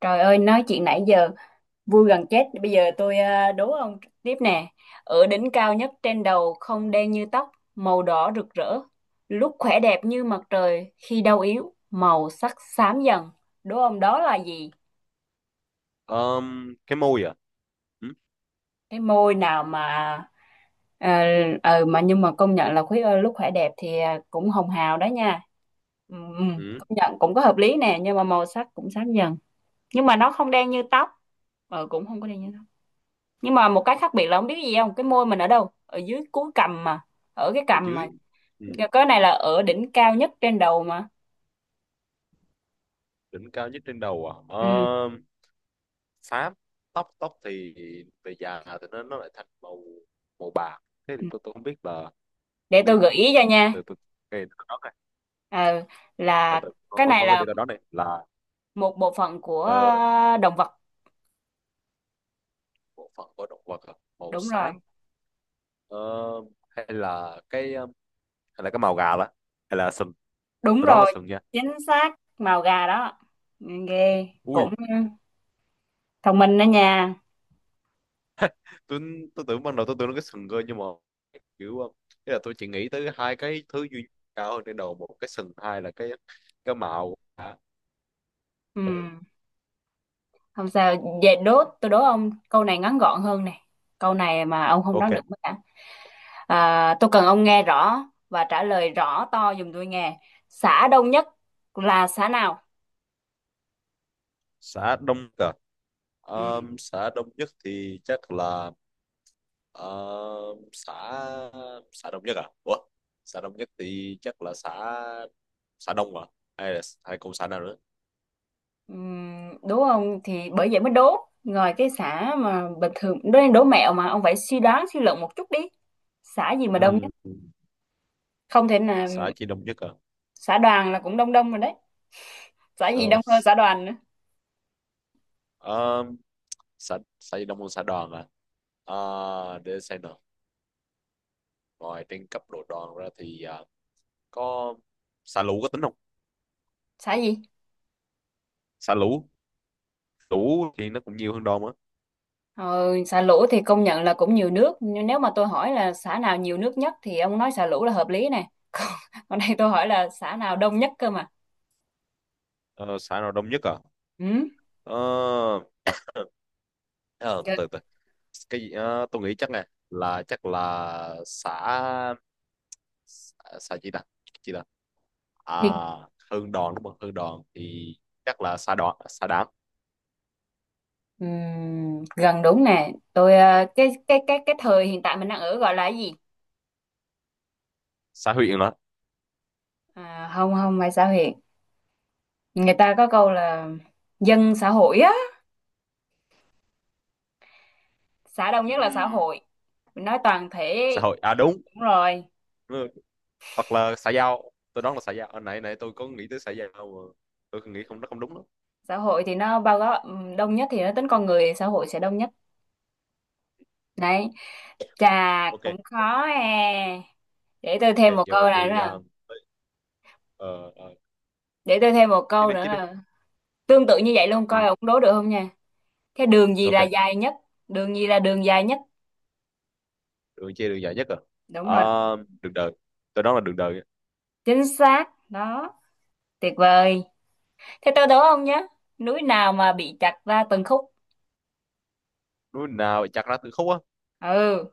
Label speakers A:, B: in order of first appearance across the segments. A: Trời ơi, nói chuyện nãy giờ vui gần chết. Bây giờ tôi đố ông tiếp nè. Ở đỉnh cao nhất trên đầu không đen như tóc, màu đỏ rực rỡ. Lúc khỏe đẹp như mặt trời, khi đau yếu, màu sắc xám dần. Đố ông đó là gì?
B: Cái môi à? Ừ,
A: Cái môi nào mà ờ mà nhưng mà công nhận là khuyết ơi, lúc khỏe đẹp thì cũng hồng hào đó nha. Ừ, ừ,
B: ừ,
A: công nhận cũng có hợp lý nè, nhưng mà màu sắc cũng xám dần. Nhưng mà nó không đen như tóc, ờ cũng không có đen như tóc. Nhưng mà một cái khác biệt là không biết gì không, cái môi mình ở đâu? Ở dưới cuối cằm mà, ở cái
B: ở
A: cằm mà
B: dưới. Ừ,
A: cái này là ở đỉnh cao nhất trên đầu mà.
B: đỉnh cao nhất trên đầu à?
A: Ừ.
B: Xám. Tóc tóc thì về già thì nó lại thành màu màu bạc. Thế thì
A: Ừ.
B: tôi không biết là
A: Để tôi gợi
B: nên
A: ý cho nha.
B: từ từ cái đó này.
A: Ờ,
B: Từ,
A: là
B: từ,
A: cái này
B: con cái
A: là
B: đi đó này là
A: một bộ phận của
B: ờ,
A: động vật.
B: bộ phận của động vật à? Màu
A: Đúng rồi.
B: xám. Ờ, hay là hay là cái màu gà đó, hay là sừng.
A: Đúng
B: Tôi đoán là
A: rồi.
B: sừng nha.
A: Chính xác. Màu gà đó. Ừ, ghê
B: Ui,
A: cũng thông minh đó nha.
B: tôi tôi tưởng ban đầu tôi tưởng nó cái sừng cơ, nhưng mà kiểu ý là tôi chỉ nghĩ tới hai cái thứ duy nhất cao hơn trên đầu, một cái sừng, hai là cái mạo.
A: Ừ. Không sao, về đố tôi đố ông câu này ngắn gọn hơn này. Câu này mà ông không đoán
B: Ok.
A: được mất cả. À, tôi cần ông nghe rõ và trả lời rõ to giùm tôi nghe. Xã đông nhất là xã nào?
B: Xã Đông Cờ,
A: Ừ.
B: xã Đông Nhất thì chắc là xã xã Đông Nhất à? Ủa, xã Đông Nhất thì chắc là xã xã Đông, à hay là hay còn xã nào nữa?
A: Ừ, đúng không? Thì bởi vậy mới đố. Ngoài cái xã mà bình thường, đố đố mẹo mà ông phải suy đoán suy luận một chút đi. Xã gì mà đông
B: Ừm,
A: nhất? Không thể là
B: xã chỉ Đông Nhất à?
A: xã đoàn là cũng đông đông rồi đấy. Xã gì đông
B: Rồi,
A: hơn xã đoàn nữa?
B: um, xã xã chỉ Đông hơn xã Đoàn à? À, để xem nào. Rồi trên cấp độ đòn ra thì có xả lũ có tính không?
A: Xã gì?
B: Xả lũ, lũ thì nó cũng nhiều hơn đòn á.
A: Ờ, xã Lũ thì công nhận là cũng nhiều nước. Nhưng nếu mà tôi hỏi là xã nào nhiều nước nhất thì ông nói xã Lũ là hợp lý nè. Còn, còn đây tôi hỏi là xã nào đông nhất cơ mà.
B: Ờ, xả nào đông nhất à?
A: Ừ.
B: Ờ, ờ, từ từ từ. Cái gì? Ờ, tôi nghĩ chắc nè, là chắc là xả xả, xả gì ta? Gì ta? À,
A: Hiện,
B: hơn đòn đúng không? Hơn đòn thì chắc là xả đòn, xả đảng,
A: gần đúng nè tôi cái thời hiện tại mình đang ở gọi là cái gì?
B: xả huyện đó.
A: À, không không phải xã hội, người ta có câu là dân xã hội á, xã đông nhất là xã
B: Ừm,
A: hội, mình nói toàn thể.
B: xã hội à, đúng.
A: Đúng rồi.
B: Ừ, hoặc là xã giao. Tôi đoán là xã giao. Hồi nãy nãy tôi có nghĩ tới xã giao mà tôi nghĩ không, nó không đúng đó.
A: Xã hội thì nó bao gồm đông nhất thì nó tính con người, xã hội sẽ đông nhất đấy. Chà,
B: Ok.
A: cũng khó. À, để tôi
B: Ok,
A: thêm một
B: giờ
A: câu này nữa
B: thì
A: là,
B: ờ, ờ,
A: để tôi thêm một
B: tiếp
A: câu
B: đi
A: nữa
B: tiếp đi.
A: là tương tự như vậy luôn
B: Ừ.
A: coi ông đố được không nha. Cái đường gì là
B: Ok,
A: dài nhất? Đường gì là đường dài nhất?
B: đường chia đường dài nhất rồi.
A: Đúng
B: Ờ,
A: rồi.
B: đường đời, tôi nói là đường đời.
A: Chính xác đó. Tuyệt vời. Thế tôi đố ông nhé, núi nào mà bị chặt ra từng khúc?
B: Núi nào chặt ra từng khúc á?
A: Ừ.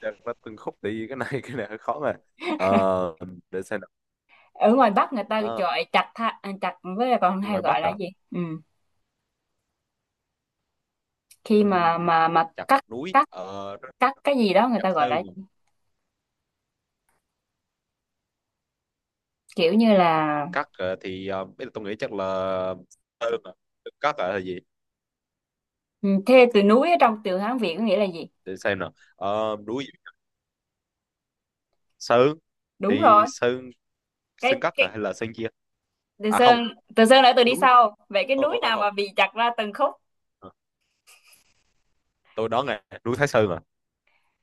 B: Chặt ra từng khúc thì cái này hơi khó mà. Ờ, để xem nào.
A: Ở ngoài Bắc người ta
B: Ờ,
A: gọi chặt tha, à, chặt với lại còn hay
B: ngoài
A: gọi
B: Bắc
A: là
B: à?
A: gì? Ừ. Khi mà
B: Ừm, chặt
A: cắt,
B: núi
A: cắt, cắt cái gì đó người
B: chặt
A: ta gọi
B: sơn,
A: là kiểu như là.
B: cắt thì bây giờ tôi nghĩ chắc là sơn à. Cắt à, hay gì?
A: Ừ, thế từ núi ở trong từ Hán Việt có nghĩa là gì?
B: Để xem nào. Ờ, núi sơn
A: Đúng rồi.
B: thì sơn, sơn cắt à,
A: Cái
B: hay là sơn chia?
A: Từ
B: À không,
A: Sơn. Từ Sơn đã từ đi
B: núi
A: sau, vậy cái
B: không
A: núi
B: không không
A: nào
B: không.
A: mà bị chặt ra từng khúc?
B: Ờ, tôi đoán là núi Thái Sơn à.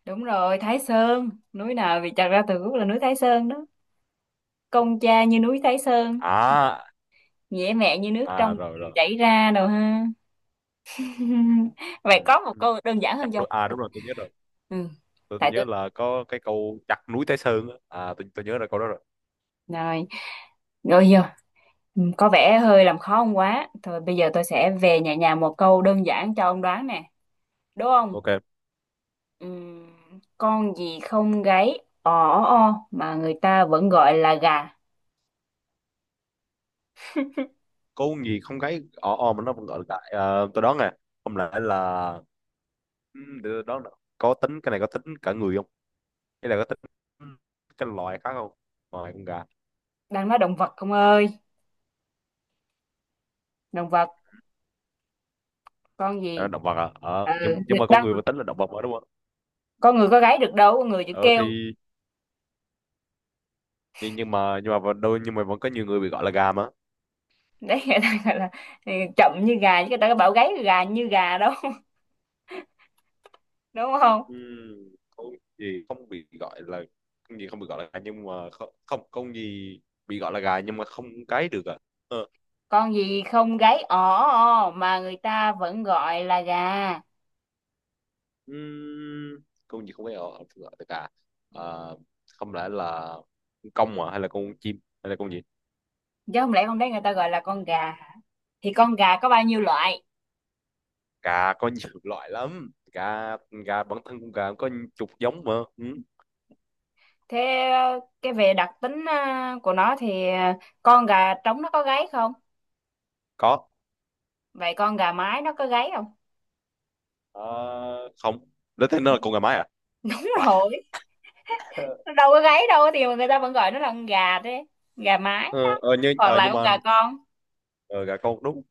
A: Đúng rồi, Thái Sơn. Núi nào bị chặt ra từng khúc là núi Thái Sơn đó. Công cha như núi Thái Sơn,
B: À,
A: dễ mẹ như nước trong
B: à rồi
A: người
B: rồi.
A: chảy ra đâu ha. Vậy
B: Ừ,
A: có một
B: ừ,
A: câu đơn giản
B: chặt
A: hơn không?
B: núi à, đúng rồi tôi nhớ rồi.
A: Ừ.
B: Tôi
A: Tại
B: nhớ
A: tôi,
B: là có cái câu chặt núi Thái Sơn á. À tôi nhớ là câu đó rồi.
A: rồi rồi vô. Ừ, có vẻ hơi làm khó ông quá. Thôi bây giờ tôi sẽ về nhà nhà một câu đơn giản cho ông đoán nè, đúng không?
B: Ok.
A: Ừm, con gì không gáy ò ó o mà người ta vẫn gọi là gà?
B: Câu gì không gáy ò ò mà nó vẫn gọi là đại à? Tôi đoán nè, không lẽ là ừ, để tôi đoán nào. Có tính cái này có tính cả người không, hay là có tính cái loài khác không, ngoài con gà?
A: Đang nói động vật không ơi, động vật. Con gì?
B: À, động vật à? ờ,
A: Ừ,
B: nhưng, nhưng mà con
A: đang
B: người vẫn tính là động vật mà đúng không?
A: con người có gáy được đâu, con người chỉ
B: Ờ
A: kêu.
B: thì Nhưng mà vẫn- đôi nhưng mà vẫn có nhiều người bị gọi là gà mà.
A: Đấy người ta gọi là, ừ, chậm như gà chứ người ta có bảo gáy gà như gà đâu. Đúng không?
B: Không gì không bị gọi là không gì không bị gọi là gà, nhưng mà không không không gì bị gọi là gà nhưng mà không cái được à? Ờ,
A: Con gì không gáy ỏ o mà người ta vẫn gọi là gà?
B: ừm, con gì không phải gọi không gọi là gà? À, không lẽ là con công à, hay là con chim, hay là con gì?
A: Chứ không lẽ con đấy người ta gọi là con gà. Thì con gà có bao nhiêu loại?
B: Gà có nhiều loại lắm. Gà gà bản thân con gà có chục giống mà. Ừ,
A: Thế cái về đặc tính của nó thì con gà trống nó có gáy không?
B: có.
A: Vậy con gà mái nó có gáy không?
B: Ờ, không. Lấy thế nó là con gà mái à?
A: Đúng
B: Vãi.
A: rồi, nó đâu có gáy đâu thì mà người ta vẫn gọi nó là con gà, thế gà mái đó. Hoặc là
B: Nhưng
A: con
B: mà
A: gà con,
B: ờ, gà con đúng.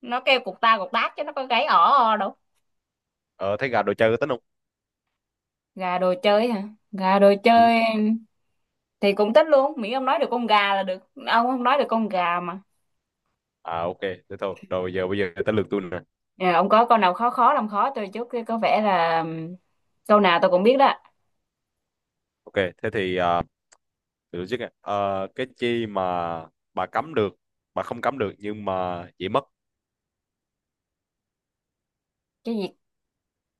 A: nó kêu cục ta cục tác chứ nó có gáy ỏ o đâu.
B: Ờ, thấy gà đồ chơi có tính không?
A: Gà đồ chơi hả? Gà đồ chơi thì cũng thích luôn, miễn ông nói được con gà là được. Ông không nói được con gà mà.
B: À ok, thế thôi. Rồi giờ bây giờ tới lượt tôi nè.
A: Ờ, ông có câu nào khó khó làm khó tôi chút cái có vẻ là câu nào tôi cũng biết đó.
B: Ok, thế thì à, để tôi trước nè. Ờ, cái chi mà bà cấm được, bà không cấm được nhưng mà dễ mất.
A: Cái gì?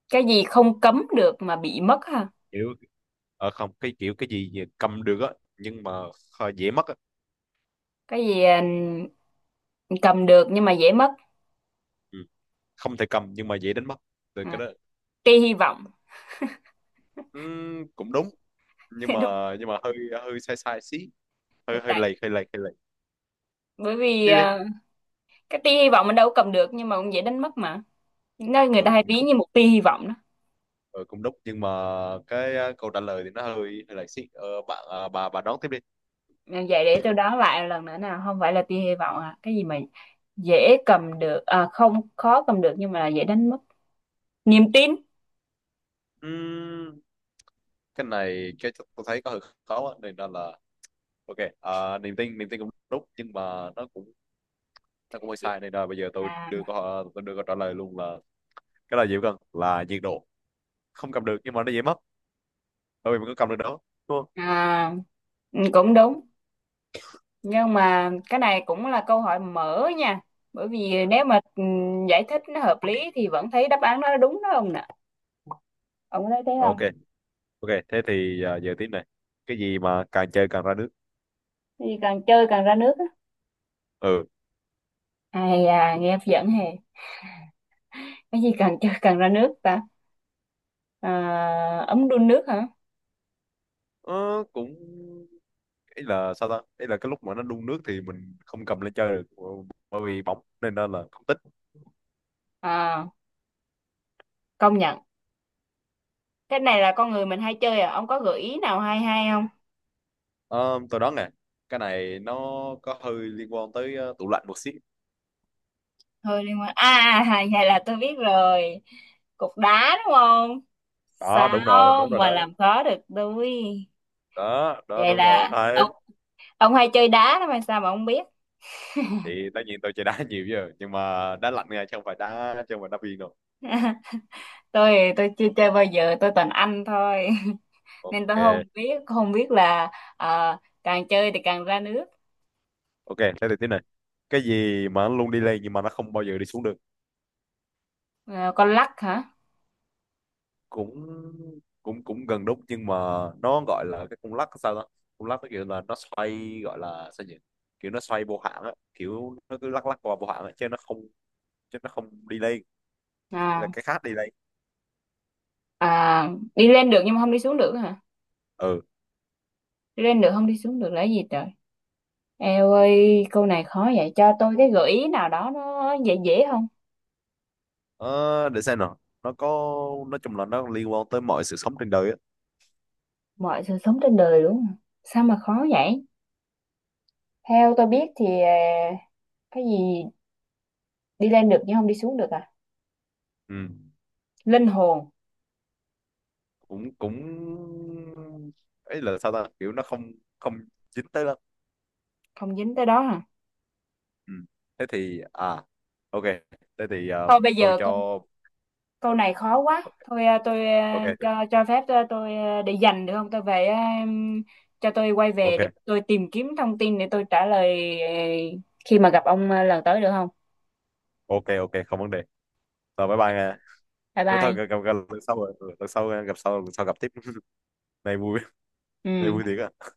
A: Cái gì không cấm được mà bị mất ha?
B: Kiểu không, cái kiểu cái gì mà cầm được á, nhưng mà dễ mất á.
A: Cái gì? Ừm, cầm được nhưng mà dễ mất?
B: Ừ. Không thể cầm nhưng mà dễ đánh mất. Từ cái
A: À,
B: đó.
A: tia hy vọng.
B: Cũng đúng, nhưng mà
A: Đúng.
B: hơi hơi sai sai xí, hơi hơi
A: Tại
B: lầy hơi lầy hơi lầy.
A: bởi vì
B: Tiếp đi.
A: cái tia hy vọng mình đâu có cầm được nhưng mà cũng dễ đánh mất mà, nên người
B: Ờ
A: ta hay
B: cũng
A: ví
B: đúng.
A: như một tia hy vọng đó.
B: Ờ cũng đúng nhưng mà cái à, câu trả lời thì nó hơi hơi lầy xí. Ờ bạn à, bà đón tiếp đi.
A: Ờ, vậy để tôi đoán lại lần nữa nào, không phải là tia hy vọng à? Cái gì mà dễ cầm được, à, không, khó cầm được nhưng mà là dễ đánh mất? Niềm tin.
B: Ừm, cái này cái tôi thấy có hơi khó á, nên là ok. À, niềm tin cũng đúng nhưng mà nó cũng hơi sai, nên là bây giờ tôi
A: À,
B: đưa câu, tôi đưa câu trả lời luôn là cái là gì gần là nhiệt độ. Không cầm được nhưng mà nó dễ mất, bởi vì mình có cầm được đó, đúng không?
A: à, ừ, cũng đúng, nhưng mà cái này cũng là câu hỏi mở nha, bởi vì
B: Ừ.
A: nếu mà giải thích nó hợp lý thì vẫn thấy đáp án nó đúng đó ông nè. Ông có thấy thế
B: Rồi,
A: không?
B: ok. Ok thế thì à, giờ tiếp này. Cái gì mà càng chơi càng ra nước?
A: Cái gì càng chơi càng ra nước á?
B: Ừ.
A: Ai à, nghe hấp dẫn hề. Cái gì càng chơi càng ra nước ta? À, ấm đun nước hả?
B: ờ, cũng ý là sao ta, ý là cái lúc mà nó đun nước thì mình không cầm lên chơi được bởi vì bỏng, nên đó là không tính.
A: À, công nhận. Cái này là con người mình hay chơi, à ông có gợi ý nào hay hay không?
B: Ờ, tôi đoán nè, cái này nó có hơi liên quan tới tủ lạnh một xíu.
A: Hơi liên quan à? À, à, vậy là tôi biết rồi, cục đá đúng không?
B: Đó
A: Sao
B: đúng rồi
A: mà
B: đó,
A: làm khó được tôi.
B: đó đó
A: Vậy
B: đúng rồi.
A: là
B: Đấy.
A: ông hay chơi đá đó mà sao mà ông biết.
B: Thì tất nhiên tôi chơi đá nhiều chứ, nhưng mà đá lạnh nha, chứ không phải đá chứ không phải đá viên đâu.
A: Tôi chưa chơi bao giờ, tôi toàn ăn thôi. Nên tôi không
B: Ok,
A: biết, không biết là ờ, càng chơi thì càng ra nước.
B: ok thế thì tiếp này. Cái gì mà nó luôn đi lên nhưng mà nó không bao giờ đi xuống được?
A: Ờ, con lắc hả?
B: Cũng cũng cũng gần đúng nhưng mà nó gọi là cái cung lắc sao đó. Cung lắc nó kiểu là nó xoay gọi là sao nhỉ, kiểu nó xoay vô hạn á, kiểu nó cứ lắc lắc qua vô hạn á, chứ nó không đi lên. Thế là
A: À,
B: cái khác đi lên.
A: à, đi lên được nhưng mà không đi xuống được hả?
B: Ừ.
A: Đi lên được không đi xuống được là cái gì trời. Eo ơi, câu này khó vậy, cho tôi cái gợi ý nào đó nó dễ dễ không?
B: Ờ, để xem nào, nó có, nói chung là nó liên quan tới mọi sự sống trên đời á.
A: Mọi sự sống trên đời đúng không? Sao mà khó vậy? Theo tôi biết thì cái gì đi lên được nhưng không đi xuống được à?
B: Ừ.
A: Linh hồn.
B: Cũng cũng ấy là sao ta, kiểu nó không không dính tới lắm.
A: Không dính tới đó hả?
B: Ừ. Thế thì à, ok thế thì
A: Thôi bây
B: tôi
A: giờ câu,
B: cho
A: câu này khó quá. Thôi tôi
B: ok.
A: cho phép tôi để dành được không? Tôi về cho tôi quay về để
B: Ok
A: tôi tìm kiếm thông tin để tôi trả lời khi mà gặp ông lần tới được không?
B: ok ok, không vấn đề. Rồi bye bye nha.
A: Bye
B: Nếu thôi
A: bye.
B: gặp lần sau rồi. Ừ, lần sau gặp sau lần sau gặp tiếp. Này vui, này
A: Ừ.
B: vui thiệt á.